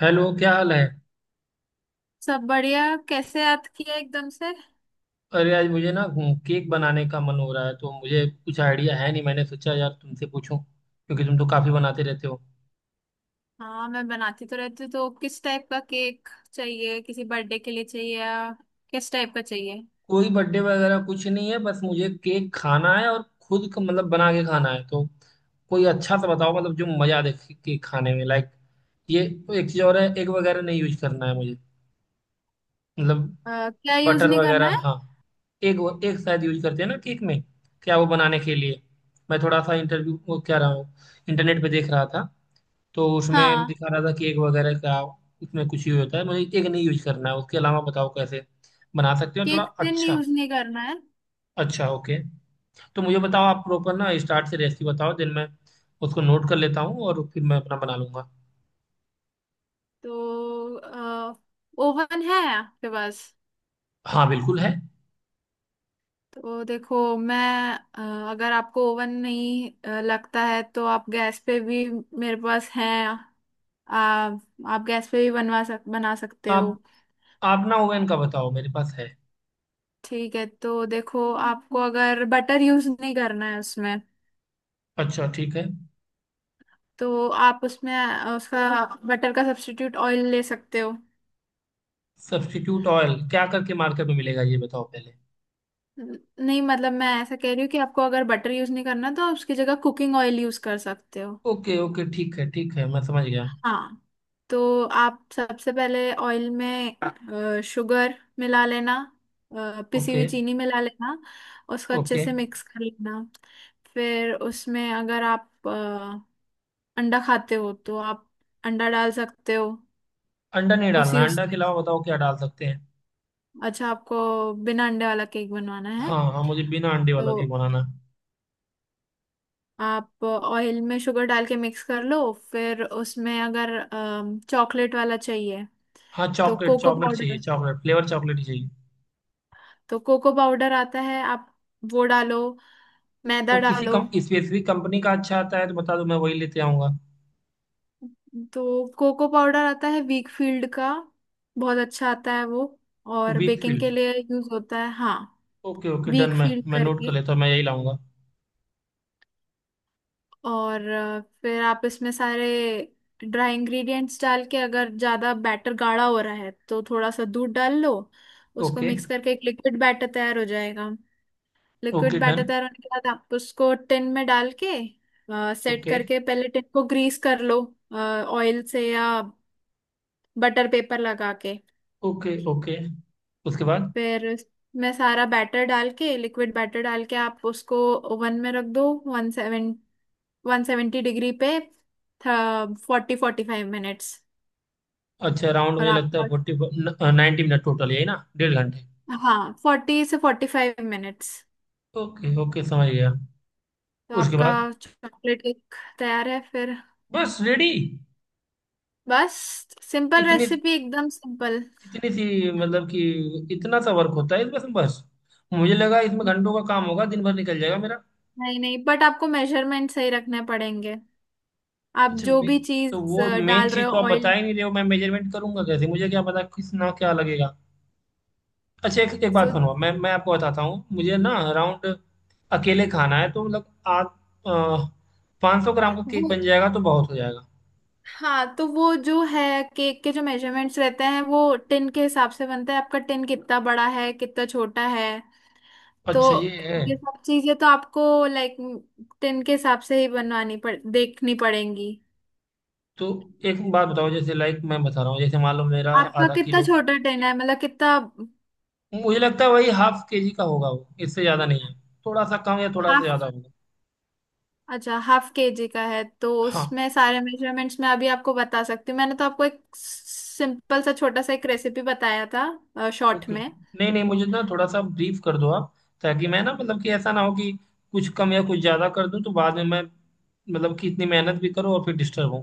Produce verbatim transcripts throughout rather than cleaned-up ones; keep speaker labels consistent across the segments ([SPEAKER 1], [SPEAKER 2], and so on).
[SPEAKER 1] Hello, क्या हाल है।
[SPEAKER 2] सब बढ़िया। कैसे याद किया एकदम से?
[SPEAKER 1] अरे, आज मुझे ना हम्म, केक बनाने का मन हो रहा है, तो मुझे कुछ आइडिया है नहीं, मैंने सोचा यार तुमसे पूछूं क्योंकि तुम तो काफी बनाते रहते हो।
[SPEAKER 2] हाँ, मैं बनाती तो रहती हूँ। तो किस टाइप का केक चाहिए? किसी बर्थडे के लिए चाहिए या? किस टाइप का चाहिए?
[SPEAKER 1] कोई बर्थडे वगैरह कुछ नहीं है, बस मुझे केक खाना है और खुद का मतलब बना के खाना है, तो कोई अच्छा सा बताओ, मतलब जो मजा दे केक खाने में, लाइक, ये एक चीज और है, एग वगैरह नहीं यूज करना है मुझे। मतलब
[SPEAKER 2] अ, क्या यूज
[SPEAKER 1] बटर
[SPEAKER 2] नहीं करना
[SPEAKER 1] वगैरह,
[SPEAKER 2] है?
[SPEAKER 1] हाँ। एग एग शायद यूज करते हैं ना केक में, क्या वो बनाने के लिए। मैं थोड़ा सा इंटरव्यू वो क्या रहा हूँ, इंटरनेट पे देख रहा था, तो उसमें
[SPEAKER 2] हाँ।
[SPEAKER 1] दिखा रहा था केक वगैरह का, उसमें कुछ यूज होता है, मुझे केक नहीं यूज करना है, उसके अलावा बताओ कैसे बना सकते हो थोड़ा
[SPEAKER 2] केक टिन
[SPEAKER 1] अच्छा।
[SPEAKER 2] यूज नहीं करना है?
[SPEAKER 1] अच्छा, ओके। तो मुझे बताओ, आप प्रॉपर ना स्टार्ट से रेसिपी बताओ, दिन मैं उसको नोट कर लेता हूँ और फिर मैं अपना बना लूंगा।
[SPEAKER 2] तो ओवन है आपके पास?
[SPEAKER 1] हाँ, बिल्कुल है।
[SPEAKER 2] तो देखो, मैं अ, अगर आपको ओवन नहीं अ, लगता है तो आप गैस पे भी। मेरे पास है। आप आप गैस पे भी बनवा सक बना सकते हो।
[SPEAKER 1] आप आप ना ओवन का बताओ, मेरे पास है।
[SPEAKER 2] ठीक है। तो देखो, आपको अगर बटर यूज नहीं करना है उसमें,
[SPEAKER 1] अच्छा, ठीक है।
[SPEAKER 2] तो आप उसमें अ, उसका बटर का सब्स्टिट्यूट ऑयल ले सकते हो।
[SPEAKER 1] सब्स्टिट्यूट ऑयल क्या करके मार्केट में मिलेगा, ये बताओ पहले।
[SPEAKER 2] न- नहीं, मतलब मैं ऐसा कह रही हूँ कि आपको अगर बटर यूज नहीं करना, तो आप उसकी जगह कुकिंग ऑयल यूज कर सकते हो।
[SPEAKER 1] ओके, ओके, ठीक है, ठीक है, मैं समझ गया।
[SPEAKER 2] हाँ। तो आप सबसे पहले ऑयल में अ, शुगर मिला लेना, अ, पिसी
[SPEAKER 1] ओके,
[SPEAKER 2] हुई चीनी मिला लेना। उसको अच्छे
[SPEAKER 1] ओके।
[SPEAKER 2] से मिक्स कर लेना। फिर उसमें अगर आप अंडा खाते हो तो आप अंडा डाल सकते हो।
[SPEAKER 1] अंडा नहीं
[SPEAKER 2] उसी
[SPEAKER 1] डालना, अंडा के
[SPEAKER 2] उसमें
[SPEAKER 1] अलावा बताओ क्या डाल सकते हैं।
[SPEAKER 2] अच्छा, आपको बिना अंडे वाला केक बनवाना है।
[SPEAKER 1] हाँ, हाँ, मुझे बिना अंडे
[SPEAKER 2] तो
[SPEAKER 1] वाला केक बनाना है।
[SPEAKER 2] आप ऑयल में शुगर डाल के मिक्स कर लो, फिर उसमें अगर चॉकलेट वाला चाहिए
[SPEAKER 1] हाँ,
[SPEAKER 2] तो
[SPEAKER 1] चॉकलेट,
[SPEAKER 2] कोको
[SPEAKER 1] चॉकलेट चाहिए,
[SPEAKER 2] पाउडर।
[SPEAKER 1] चॉकलेट फ्लेवर, चॉकलेट ही चाहिए।
[SPEAKER 2] तो कोको पाउडर आता है, आप वो डालो, मैदा
[SPEAKER 1] तो किसी
[SPEAKER 2] डालो।
[SPEAKER 1] कम स्पेसिफिक कंपनी का अच्छा आता है तो बता दो, मैं वही लेते आऊँगा।
[SPEAKER 2] तो कोको पाउडर आता है वीक फील्ड का, बहुत अच्छा आता है वो, और बेकिंग
[SPEAKER 1] वीकफील्ड।
[SPEAKER 2] के लिए यूज होता है। हाँ,
[SPEAKER 1] ओके, ओके, डन।
[SPEAKER 2] वीक
[SPEAKER 1] मैं
[SPEAKER 2] फील्ड
[SPEAKER 1] मैं नोट कर
[SPEAKER 2] करके।
[SPEAKER 1] लेता हूँ, मैं यही लाऊंगा।
[SPEAKER 2] और अ, फिर आप इसमें सारे ड्राई इंग्रेडिएंट्स डाल के अगर ज़्यादा बैटर गाढ़ा हो रहा है तो थोड़ा सा दूध डाल लो। उसको
[SPEAKER 1] ओके,
[SPEAKER 2] मिक्स करके एक लिक्विड बैटर तैयार हो जाएगा।
[SPEAKER 1] Okay,
[SPEAKER 2] liquid batter
[SPEAKER 1] done.
[SPEAKER 2] तैयार होने के बाद आप उसको टिन में डाल के सेट
[SPEAKER 1] ओके,
[SPEAKER 2] करके, पहले टिन को ग्रीस कर लो ऑयल से या बटर पेपर लगा के।
[SPEAKER 1] Okay, okay. उसके बाद
[SPEAKER 2] फिर मैं सारा बैटर डाल के, लिक्विड बैटर डाल के, आप उसको ओवन में रख दो, one seven one seventy degree पे, फोर्टी फोर्टी फाइव मिनट्स।
[SPEAKER 1] अच्छा, राउंड
[SPEAKER 2] और
[SPEAKER 1] मुझे लगता
[SPEAKER 2] आपका,
[SPEAKER 1] है फोर्टी, नाइन्टी मिनट टोटल, यही ना, डेढ़ घंटे।
[SPEAKER 2] हाँ, फोर्टी से forty five minutes.
[SPEAKER 1] Okay, okay, समझ गया।
[SPEAKER 2] तो
[SPEAKER 1] उसके
[SPEAKER 2] आपका
[SPEAKER 1] बाद
[SPEAKER 2] चॉकलेट केक तैयार है फिर।
[SPEAKER 1] बस रेडी।
[SPEAKER 2] बस, सिंपल
[SPEAKER 1] इतनी,
[SPEAKER 2] रेसिपी, एकदम सिंपल।
[SPEAKER 1] इतनी सी, मतलब कि इतना सा वर्क होता है इसमें बस। मुझे लगा इसमें घंटों का काम होगा, दिन भर निकल जाएगा मेरा।
[SPEAKER 2] नहीं नहीं, बट आपको मेजरमेंट सही रखने पड़ेंगे। आप
[SPEAKER 1] अच्छा,
[SPEAKER 2] जो
[SPEAKER 1] मे
[SPEAKER 2] भी
[SPEAKER 1] तो
[SPEAKER 2] चीज
[SPEAKER 1] वो मेन
[SPEAKER 2] डाल रहे
[SPEAKER 1] चीज
[SPEAKER 2] हो
[SPEAKER 1] तो आप बता
[SPEAKER 2] ऑयल,
[SPEAKER 1] ही नहीं रहे हो, मैं मेजरमेंट करूंगा कैसे, मुझे क्या पता किस ना क्या लगेगा। अच्छा, एक एक बात
[SPEAKER 2] तो
[SPEAKER 1] सुनो, मैं मैं आपको बताता हूँ। मुझे ना अराउंड अकेले खाना है, तो मतलब आप, पाँच सौ ग्राम का केक
[SPEAKER 2] वो,
[SPEAKER 1] बन जाएगा तो बहुत हो जाएगा।
[SPEAKER 2] हाँ, तो वो जो है, केक के जो मेजरमेंट्स रहते हैं वो टिन के हिसाब से बनता है। आपका टिन कितना बड़ा है, कितना छोटा है।
[SPEAKER 1] अच्छा, ये
[SPEAKER 2] तो
[SPEAKER 1] है।
[SPEAKER 2] ये सब चीजें तो आपको लाइक टिन के हिसाब से ही बनवानी पड़ देखनी पड़ेंगी।
[SPEAKER 1] तो एक बात बताओ, जैसे लाइक मैं बता रहा हूँ, जैसे मान लो मेरा
[SPEAKER 2] आपका
[SPEAKER 1] आधा
[SPEAKER 2] कितना
[SPEAKER 1] किलो,
[SPEAKER 2] छोटा टेन है, मतलब कितना?
[SPEAKER 1] मुझे लगता है वही हाफ के जी का होगा, वो इससे ज्यादा नहीं है, थोड़ा सा कम या थोड़ा सा
[SPEAKER 2] हाफ?
[SPEAKER 1] ज्यादा होगा।
[SPEAKER 2] अच्छा, हाफ केजी का है, तो
[SPEAKER 1] हाँ,
[SPEAKER 2] उसमें सारे मेजरमेंट्स मैं अभी आपको बता सकती हूँ। मैंने तो आपको एक सिंपल सा छोटा सा एक रेसिपी बताया था शॉर्ट
[SPEAKER 1] ओके।
[SPEAKER 2] में।
[SPEAKER 1] नहीं, नहीं, मुझे ना थोड़ा सा ब्रीफ कर दो आप, ताकि मैं ना, मतलब कि ऐसा ना हो कि कुछ कम या कुछ ज्यादा कर दूं, तो बाद में मैं, मतलब कि इतनी मेहनत भी करूं और फिर डिस्टर्ब हूं।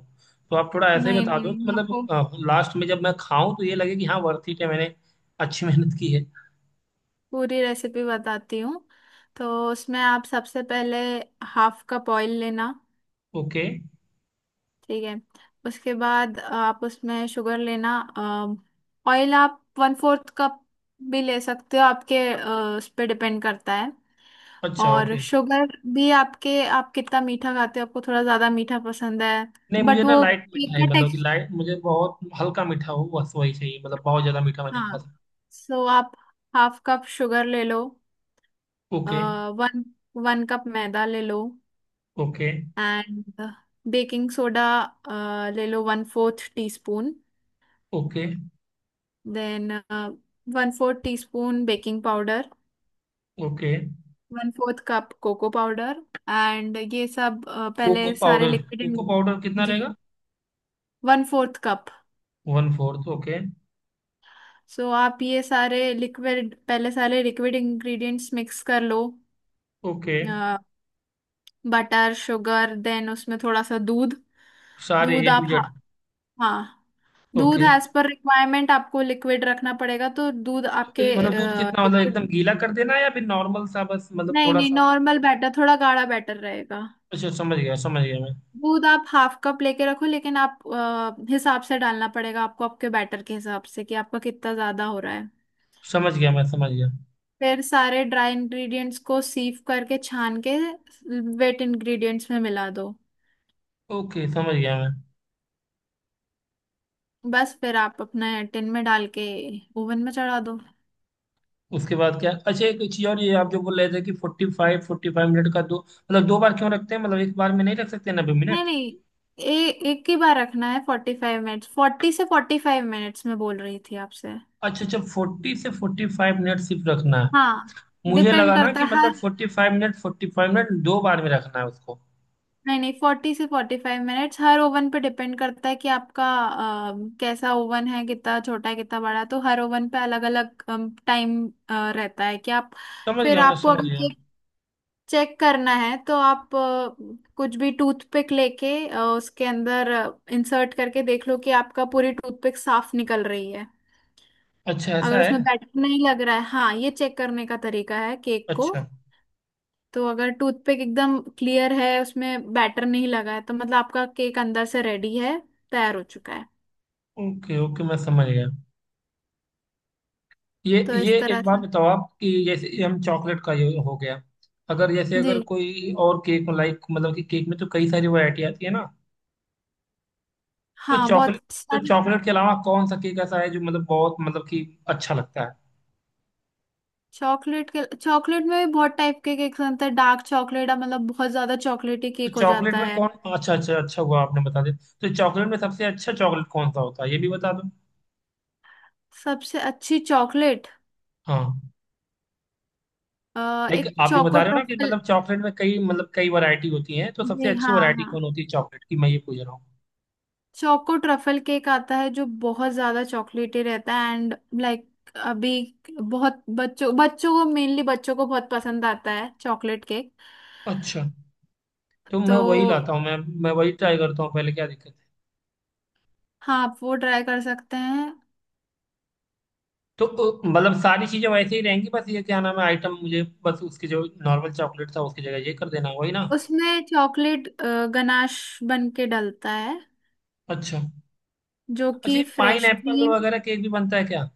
[SPEAKER 1] तो आप थोड़ा ऐसे ही
[SPEAKER 2] नहीं
[SPEAKER 1] बता
[SPEAKER 2] नहीं
[SPEAKER 1] दो
[SPEAKER 2] नहीं
[SPEAKER 1] कि
[SPEAKER 2] मैं आपको
[SPEAKER 1] मतलब लास्ट में जब मैं खाऊं तो ये लगे कि हाँ, वर्थ इट है, मैंने अच्छी मेहनत की है।
[SPEAKER 2] पूरी रेसिपी बताती हूँ। तो उसमें आप सबसे पहले हाफ कप ऑयल लेना।
[SPEAKER 1] ओके।
[SPEAKER 2] ठीक है? उसके बाद आप उसमें शुगर लेना। ऑयल आप वन फोर्थ कप भी ले सकते हो, आपके अ, उस पर डिपेंड करता है।
[SPEAKER 1] अच्छा,
[SPEAKER 2] और
[SPEAKER 1] ओके।
[SPEAKER 2] शुगर भी आपके, आप कितना मीठा खाते हो, आपको थोड़ा ज्यादा मीठा पसंद है तो,
[SPEAKER 1] नहीं, मुझे
[SPEAKER 2] बट
[SPEAKER 1] ना
[SPEAKER 2] वो
[SPEAKER 1] लाइट
[SPEAKER 2] केक
[SPEAKER 1] मीठा है,
[SPEAKER 2] का
[SPEAKER 1] मतलब कि
[SPEAKER 2] टेक्सचर।
[SPEAKER 1] लाइट, मुझे बहुत हल्का मीठा हो बस, वही चाहिए, मतलब बहुत ज्यादा मीठा मैं नहीं खा
[SPEAKER 2] हाँ,
[SPEAKER 1] सकता।
[SPEAKER 2] सो आप हाफ कप शुगर ले लो।
[SPEAKER 1] ओके,
[SPEAKER 2] वन वन कप मैदा ले लो।
[SPEAKER 1] ओके,
[SPEAKER 2] एंड बेकिंग सोडा ले लो one fourth teaspoon.
[SPEAKER 1] Okay,
[SPEAKER 2] then one fourth teaspoon baking powder.
[SPEAKER 1] Okay.
[SPEAKER 2] One fourth cup cocoa powder. And ये सब अ, पहले
[SPEAKER 1] कोको
[SPEAKER 2] सारे
[SPEAKER 1] पाउडर,
[SPEAKER 2] लिक्विड।
[SPEAKER 1] कोको पाउडर कितना
[SPEAKER 2] जी,
[SPEAKER 1] रहेगा।
[SPEAKER 2] One fourth cup.
[SPEAKER 1] One fourth, okay.
[SPEAKER 2] So आप ये सारे लिक्विड, पहले सारे लिक्विड इंग्रेडिएंट्स मिक्स कर लो,
[SPEAKER 1] ओके,
[SPEAKER 2] बटर शुगर, देन उसमें थोड़ा सा दूध।
[SPEAKER 1] सारे
[SPEAKER 2] दूध
[SPEAKER 1] ए टू
[SPEAKER 2] आप, हाँ,
[SPEAKER 1] जेड।
[SPEAKER 2] हाँ, दूध
[SPEAKER 1] ओके, तो
[SPEAKER 2] एज पर रिक्वायरमेंट, आपको लिक्विड रखना पड़ेगा तो दूध आपके
[SPEAKER 1] ए, मतलब दूध कितना, मतलब
[SPEAKER 2] लिक्विड,
[SPEAKER 1] एकदम गीला कर देना है या फिर नॉर्मल सा बस, मतलब
[SPEAKER 2] नहीं
[SPEAKER 1] थोड़ा
[SPEAKER 2] नहीं,
[SPEAKER 1] सा।
[SPEAKER 2] नॉर्मल बैटर, थोड़ा गाढ़ा बैटर रहेगा।
[SPEAKER 1] अच्छा, समझ गया, समझ गया मैं।
[SPEAKER 2] दूध आप हाफ कप लेके रखो, लेकिन आप अ, हिसाब से डालना पड़ेगा आपको, आपके बैटर के हिसाब से कि आपका कितना ज्यादा हो रहा है।
[SPEAKER 1] समझ गया, मैं समझ गया।
[SPEAKER 2] फिर सारे ड्राई इंग्रेडिएंट्स को सीव करके, छान के, वेट इंग्रेडिएंट्स में मिला दो।
[SPEAKER 1] ओके, समझ गया मैं।
[SPEAKER 2] बस, फिर आप अपने टिन में डाल के ओवन में चढ़ा दो।
[SPEAKER 1] उसके बाद क्या? अच्छा, एक चीज और, ये आप जो बोल रहे थे कि forty five, forty five minute का दो, मतलब दो बार क्यों रखते हैं, मतलब एक बार में नहीं रख सकते नब्बे
[SPEAKER 2] नहीं
[SPEAKER 1] मिनट
[SPEAKER 2] नहीं, ए, एक ही बार रखना है। फोर्टी फाइव मिनट्स, फोर्टी से फोर्टी फाइव मिनट्स में बोल रही थी आपसे।
[SPEAKER 1] अच्छा, अच्छा, फोर्टी से फोर्टी फाइव मिनट सिर्फ रखना है।
[SPEAKER 2] हाँ,
[SPEAKER 1] मुझे
[SPEAKER 2] डिपेंड
[SPEAKER 1] लगा ना
[SPEAKER 2] करता
[SPEAKER 1] कि
[SPEAKER 2] है
[SPEAKER 1] मतलब
[SPEAKER 2] हर,
[SPEAKER 1] forty five minute, forty five minute दो बार में रखना है उसको।
[SPEAKER 2] नहीं नहीं, फोर्टी से फोर्टी फाइव मिनट्स हर ओवन पे डिपेंड करता है कि आपका अ, कैसा ओवन है, कितना छोटा है, कितना बड़ा है, तो हर ओवन पे अलग अलग टाइम रहता है कि आप।
[SPEAKER 1] समझ
[SPEAKER 2] फिर
[SPEAKER 1] गया, मैं
[SPEAKER 2] आपको
[SPEAKER 1] समझ
[SPEAKER 2] अगर
[SPEAKER 1] गया।
[SPEAKER 2] चेक करना है तो आप अ, कुछ भी टूथपिक लेके अ, उसके अंदर इंसर्ट करके देख लो कि आपका पूरी टूथपिक साफ निकल रही है।
[SPEAKER 1] अच्छा, ऐसा
[SPEAKER 2] अगर
[SPEAKER 1] है।
[SPEAKER 2] उसमें बैटर नहीं लग रहा है, हाँ, ये चेक करने का तरीका है केक को।
[SPEAKER 1] अच्छा।
[SPEAKER 2] तो अगर टूथपिक एकदम क्लियर है, उसमें बैटर नहीं लगा है, तो मतलब आपका केक अंदर से रेडी है, तैयार हो चुका है।
[SPEAKER 1] ओके, ओके, मैं समझ गया। ये
[SPEAKER 2] तो
[SPEAKER 1] ये
[SPEAKER 2] इस तरह
[SPEAKER 1] एक
[SPEAKER 2] से।
[SPEAKER 1] बात बताओ आप, कि जैसे ये हम, चॉकलेट का ये हो गया, अगर जैसे
[SPEAKER 2] जी
[SPEAKER 1] अगर कोई और केक, लाइक, मतलब कि केक में तो कई सारी वैरायटी आती है ना, तो
[SPEAKER 2] हाँ, बहुत
[SPEAKER 1] चॉकलेट, तो
[SPEAKER 2] सारी।
[SPEAKER 1] चॉकलेट के अलावा कौन सा केक ऐसा है जो मतलब बहुत, मतलब कि अच्छा लगता है।
[SPEAKER 2] चॉकलेट के, चॉकलेट में भी बहुत टाइप के केक्स बनते हैं। डार्क चॉकलेट, मतलब बहुत ज्यादा चॉकलेटी
[SPEAKER 1] तो
[SPEAKER 2] केक हो
[SPEAKER 1] चॉकलेट
[SPEAKER 2] जाता
[SPEAKER 1] में
[SPEAKER 2] है।
[SPEAKER 1] कौन, अच्छा, अच्छा, अच्छा हुआ आपने बता दिया। तो चॉकलेट में सबसे अच्छा चॉकलेट कौन सा होता है, ये भी बता दो।
[SPEAKER 2] सबसे अच्छी चॉकलेट
[SPEAKER 1] हाँ,
[SPEAKER 2] अ,
[SPEAKER 1] लाइक
[SPEAKER 2] एक
[SPEAKER 1] आप जो
[SPEAKER 2] चोको
[SPEAKER 1] बता रहे हो ना कि
[SPEAKER 2] ट्रफल।
[SPEAKER 1] मतलब चॉकलेट में कई, मतलब कई वैरायटी होती है, तो सबसे
[SPEAKER 2] जी
[SPEAKER 1] अच्छी
[SPEAKER 2] हाँ,
[SPEAKER 1] वैरायटी
[SPEAKER 2] हाँ,
[SPEAKER 1] कौन होती है चॉकलेट की, मैं ये पूछ रहा हूँ।
[SPEAKER 2] चोको ट्रफल केक आता है जो बहुत ज्यादा चॉकलेटी रहता है, एंड लाइक अभी बहुत बच्चों बच्चों को मेनली बच्चों को बहुत पसंद आता है चॉकलेट केक।
[SPEAKER 1] अच्छा, तो मैं
[SPEAKER 2] तो
[SPEAKER 1] वही लाता हूँ, मैं मैं वही ट्राई करता हूँ पहले, क्या दिक्कत है।
[SPEAKER 2] हाँ, आप वो ट्राई कर सकते हैं।
[SPEAKER 1] तो अ, मतलब सारी चीजें वैसे ही रहेंगी, बस ये क्या नाम है आइटम, मुझे बस उसके जो नॉर्मल चॉकलेट था उसकी जगह ये कर देना, वही ना।
[SPEAKER 2] उसमें चॉकलेट गनाश बन के डलता है,
[SPEAKER 1] अच्छा।
[SPEAKER 2] जो
[SPEAKER 1] अच्छा,
[SPEAKER 2] कि
[SPEAKER 1] ये पाइन
[SPEAKER 2] फ्रेश
[SPEAKER 1] एप्पल
[SPEAKER 2] क्रीम।
[SPEAKER 1] वगैरह केक भी बनता है क्या?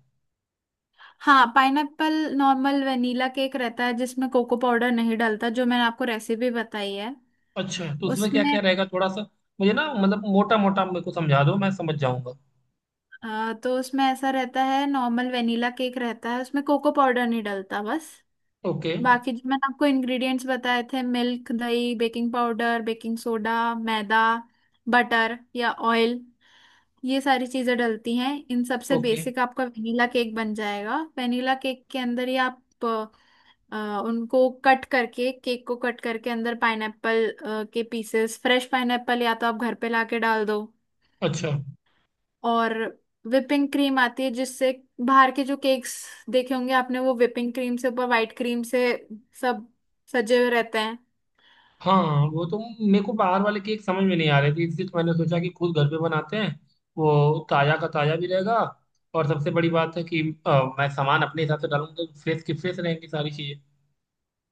[SPEAKER 2] हाँ, पाइनएप्पल नॉर्मल वनीला केक रहता है जिसमें कोको पाउडर नहीं डलता, जो मैंने आपको रेसिपी बताई है
[SPEAKER 1] अच्छा, तो उसमें क्या
[SPEAKER 2] उसमें।
[SPEAKER 1] क्या रहेगा थोड़ा सा, मुझे ना मतलब मोटा मोटा मेरे को समझा दो, मैं समझ जाऊंगा।
[SPEAKER 2] आ, तो उसमें ऐसा रहता है, नॉर्मल वेनिला केक रहता है, उसमें कोको पाउडर नहीं डलता बस।
[SPEAKER 1] ओके,
[SPEAKER 2] बाकी जो मैंने आपको इंग्रेडिएंट्स बताए थे — मिल्क, दही, बेकिंग पाउडर, बेकिंग सोडा, मैदा, बटर या ऑयल — ये सारी चीजें डलती हैं। इन सबसे
[SPEAKER 1] ओके,
[SPEAKER 2] बेसिक आपका वेनिला केक बन जाएगा। वेनिला केक के अंदर ही आप आ, उनको कट करके, केक को कट करके, अंदर पाइनएप्पल के पीसेस, फ्रेश पाइनएप्पल या तो आप घर पे लाके डाल दो।
[SPEAKER 1] अच्छा।
[SPEAKER 2] और whipping क्रीम आती है जिससे, बाहर के जो केक्स देखे होंगे आपने, वो whipping क्रीम से, ऊपर व्हाइट क्रीम से सब सजे हुए रहते हैं।
[SPEAKER 1] हाँ, वो तो, मेरे को बाहर वाले केक समझ में नहीं आ रहे थे, इसलिए तो मैंने सोचा कि खुद घर पे बनाते हैं। वो ताजा का ताजा भी रहेगा, और सबसे बड़ी बात है कि अ, मैं सामान अपने हिसाब से डालूंगा तो फ्रेश की फ्रेश रहेंगी सारी चीजें।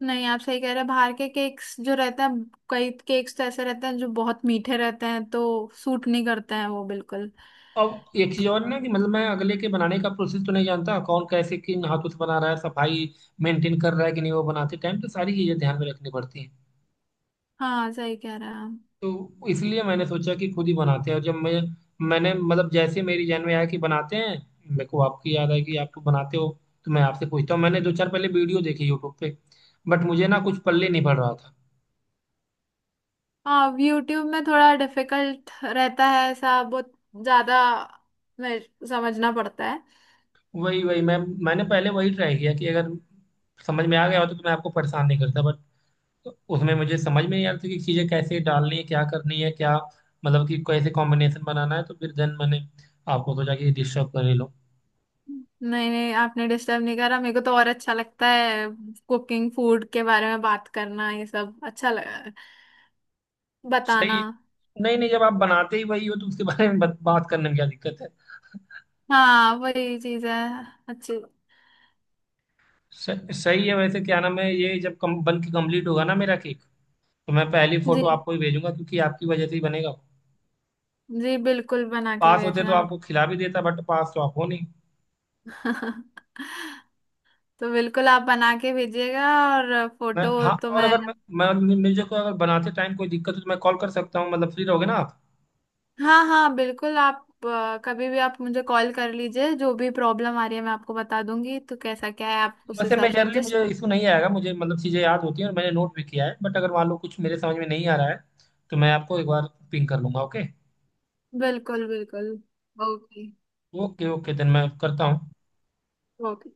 [SPEAKER 2] नहीं, आप सही कह रहे हैं, बाहर के केक्स जो रहते हैं, कई केक्स तो ऐसे रहते हैं जो बहुत मीठे रहते हैं तो सूट नहीं करते हैं वो बिल्कुल।
[SPEAKER 1] अब एक चीज और ना, कि मतलब मैं अगले के बनाने का प्रोसेस तो नहीं जानता, कौन कैसे किन हाथों से बना रहा है, सफाई मेंटेन कर रहा है कि नहीं, वो बनाते टाइम तो सारी चीजें ध्यान में रखनी पड़ती हैं।
[SPEAKER 2] हाँ, सही कह रहे हैं आप।
[SPEAKER 1] तो इसलिए मैंने सोचा कि खुद ही बनाते हैं, और जब मैं मैंने मतलब जैसे मेरी जहन में आया कि बनाते हैं, मेरे को आपकी याद आई कि आप तो बनाते हो, तो मैं आपसे पूछता हूँ। मैंने दो चार पहले वीडियो देखी यूट्यूब पे, बट मुझे ना कुछ पल्ले नहीं पड़ रहा था।
[SPEAKER 2] हाँ, यूट्यूब में थोड़ा डिफिकल्ट रहता है, ऐसा बहुत ज्यादा, मैं, समझना पड़ता है।
[SPEAKER 1] वही वही, मैं मैंने पहले वही ट्राई किया कि अगर समझ में आ गया हो तो मैं आपको परेशान नहीं करता, बट उसमें मुझे समझ में नहीं आ रही थी कि चीज़ें कैसे डालनी है, क्या करनी है, क्या, मतलब कि कैसे कॉम्बिनेशन बनाना है, तो फिर देन मैंने आपको सोचा कि डिस्टर्ब कर ही लो।
[SPEAKER 2] नहीं नहीं, आपने डिस्टर्ब नहीं करा, मेरे को तो और अच्छा लगता है कुकिंग फूड के बारे में बात करना। ये सब अच्छा लगा बताना।
[SPEAKER 1] सही। नहीं, नहीं, जब आप बनाते ही वही हो तो उसके बारे में बत, बात करने में क्या दिक्कत है।
[SPEAKER 2] हाँ, वही चीज है, अच्छी।
[SPEAKER 1] स- सही है। वैसे क्या नाम है, ये जब कम, बन के कंप्लीट होगा ना मेरा केक, तो मैं पहली
[SPEAKER 2] जी
[SPEAKER 1] फोटो आपको ही भेजूंगा, क्योंकि आपकी वजह से ही बनेगा।
[SPEAKER 2] जी, बिल्कुल बना के
[SPEAKER 1] पास होते तो
[SPEAKER 2] भेजना।
[SPEAKER 1] आपको खिला भी देता, बट पास तो आप हो नहीं।
[SPEAKER 2] तो बिल्कुल आप बना के भेजिएगा, और
[SPEAKER 1] मैं,
[SPEAKER 2] फोटो
[SPEAKER 1] हाँ,
[SPEAKER 2] तो
[SPEAKER 1] और
[SPEAKER 2] मैं,
[SPEAKER 1] अगर मैं, मैं मुझे को अगर बनाते टाइम कोई दिक्कत हो तो मैं कॉल कर सकता हूँ, मतलब फ्री रहोगे ना आप?
[SPEAKER 2] हाँ। हाँ बिल्कुल, आप अ, कभी भी आप मुझे कॉल कर लीजिए, जो भी प्रॉब्लम आ रही है मैं आपको बता दूंगी, तो कैसा क्या है आप उस
[SPEAKER 1] वैसे
[SPEAKER 2] हिसाब से
[SPEAKER 1] मेजरली मुझे
[SPEAKER 2] एडजस्ट।
[SPEAKER 1] इशू नहीं आएगा मुझे, मतलब चीज़ें याद होती हैं और मैंने नोट भी किया है, बट अगर मान लो कुछ मेरे समझ में नहीं आ रहा है, तो मैं आपको एक बार पिंग कर लूंगा, ओके।
[SPEAKER 2] बिल्कुल बिल्कुल। ओके
[SPEAKER 1] ओके, ओके, देन मैं करता हूँ।
[SPEAKER 2] ओके।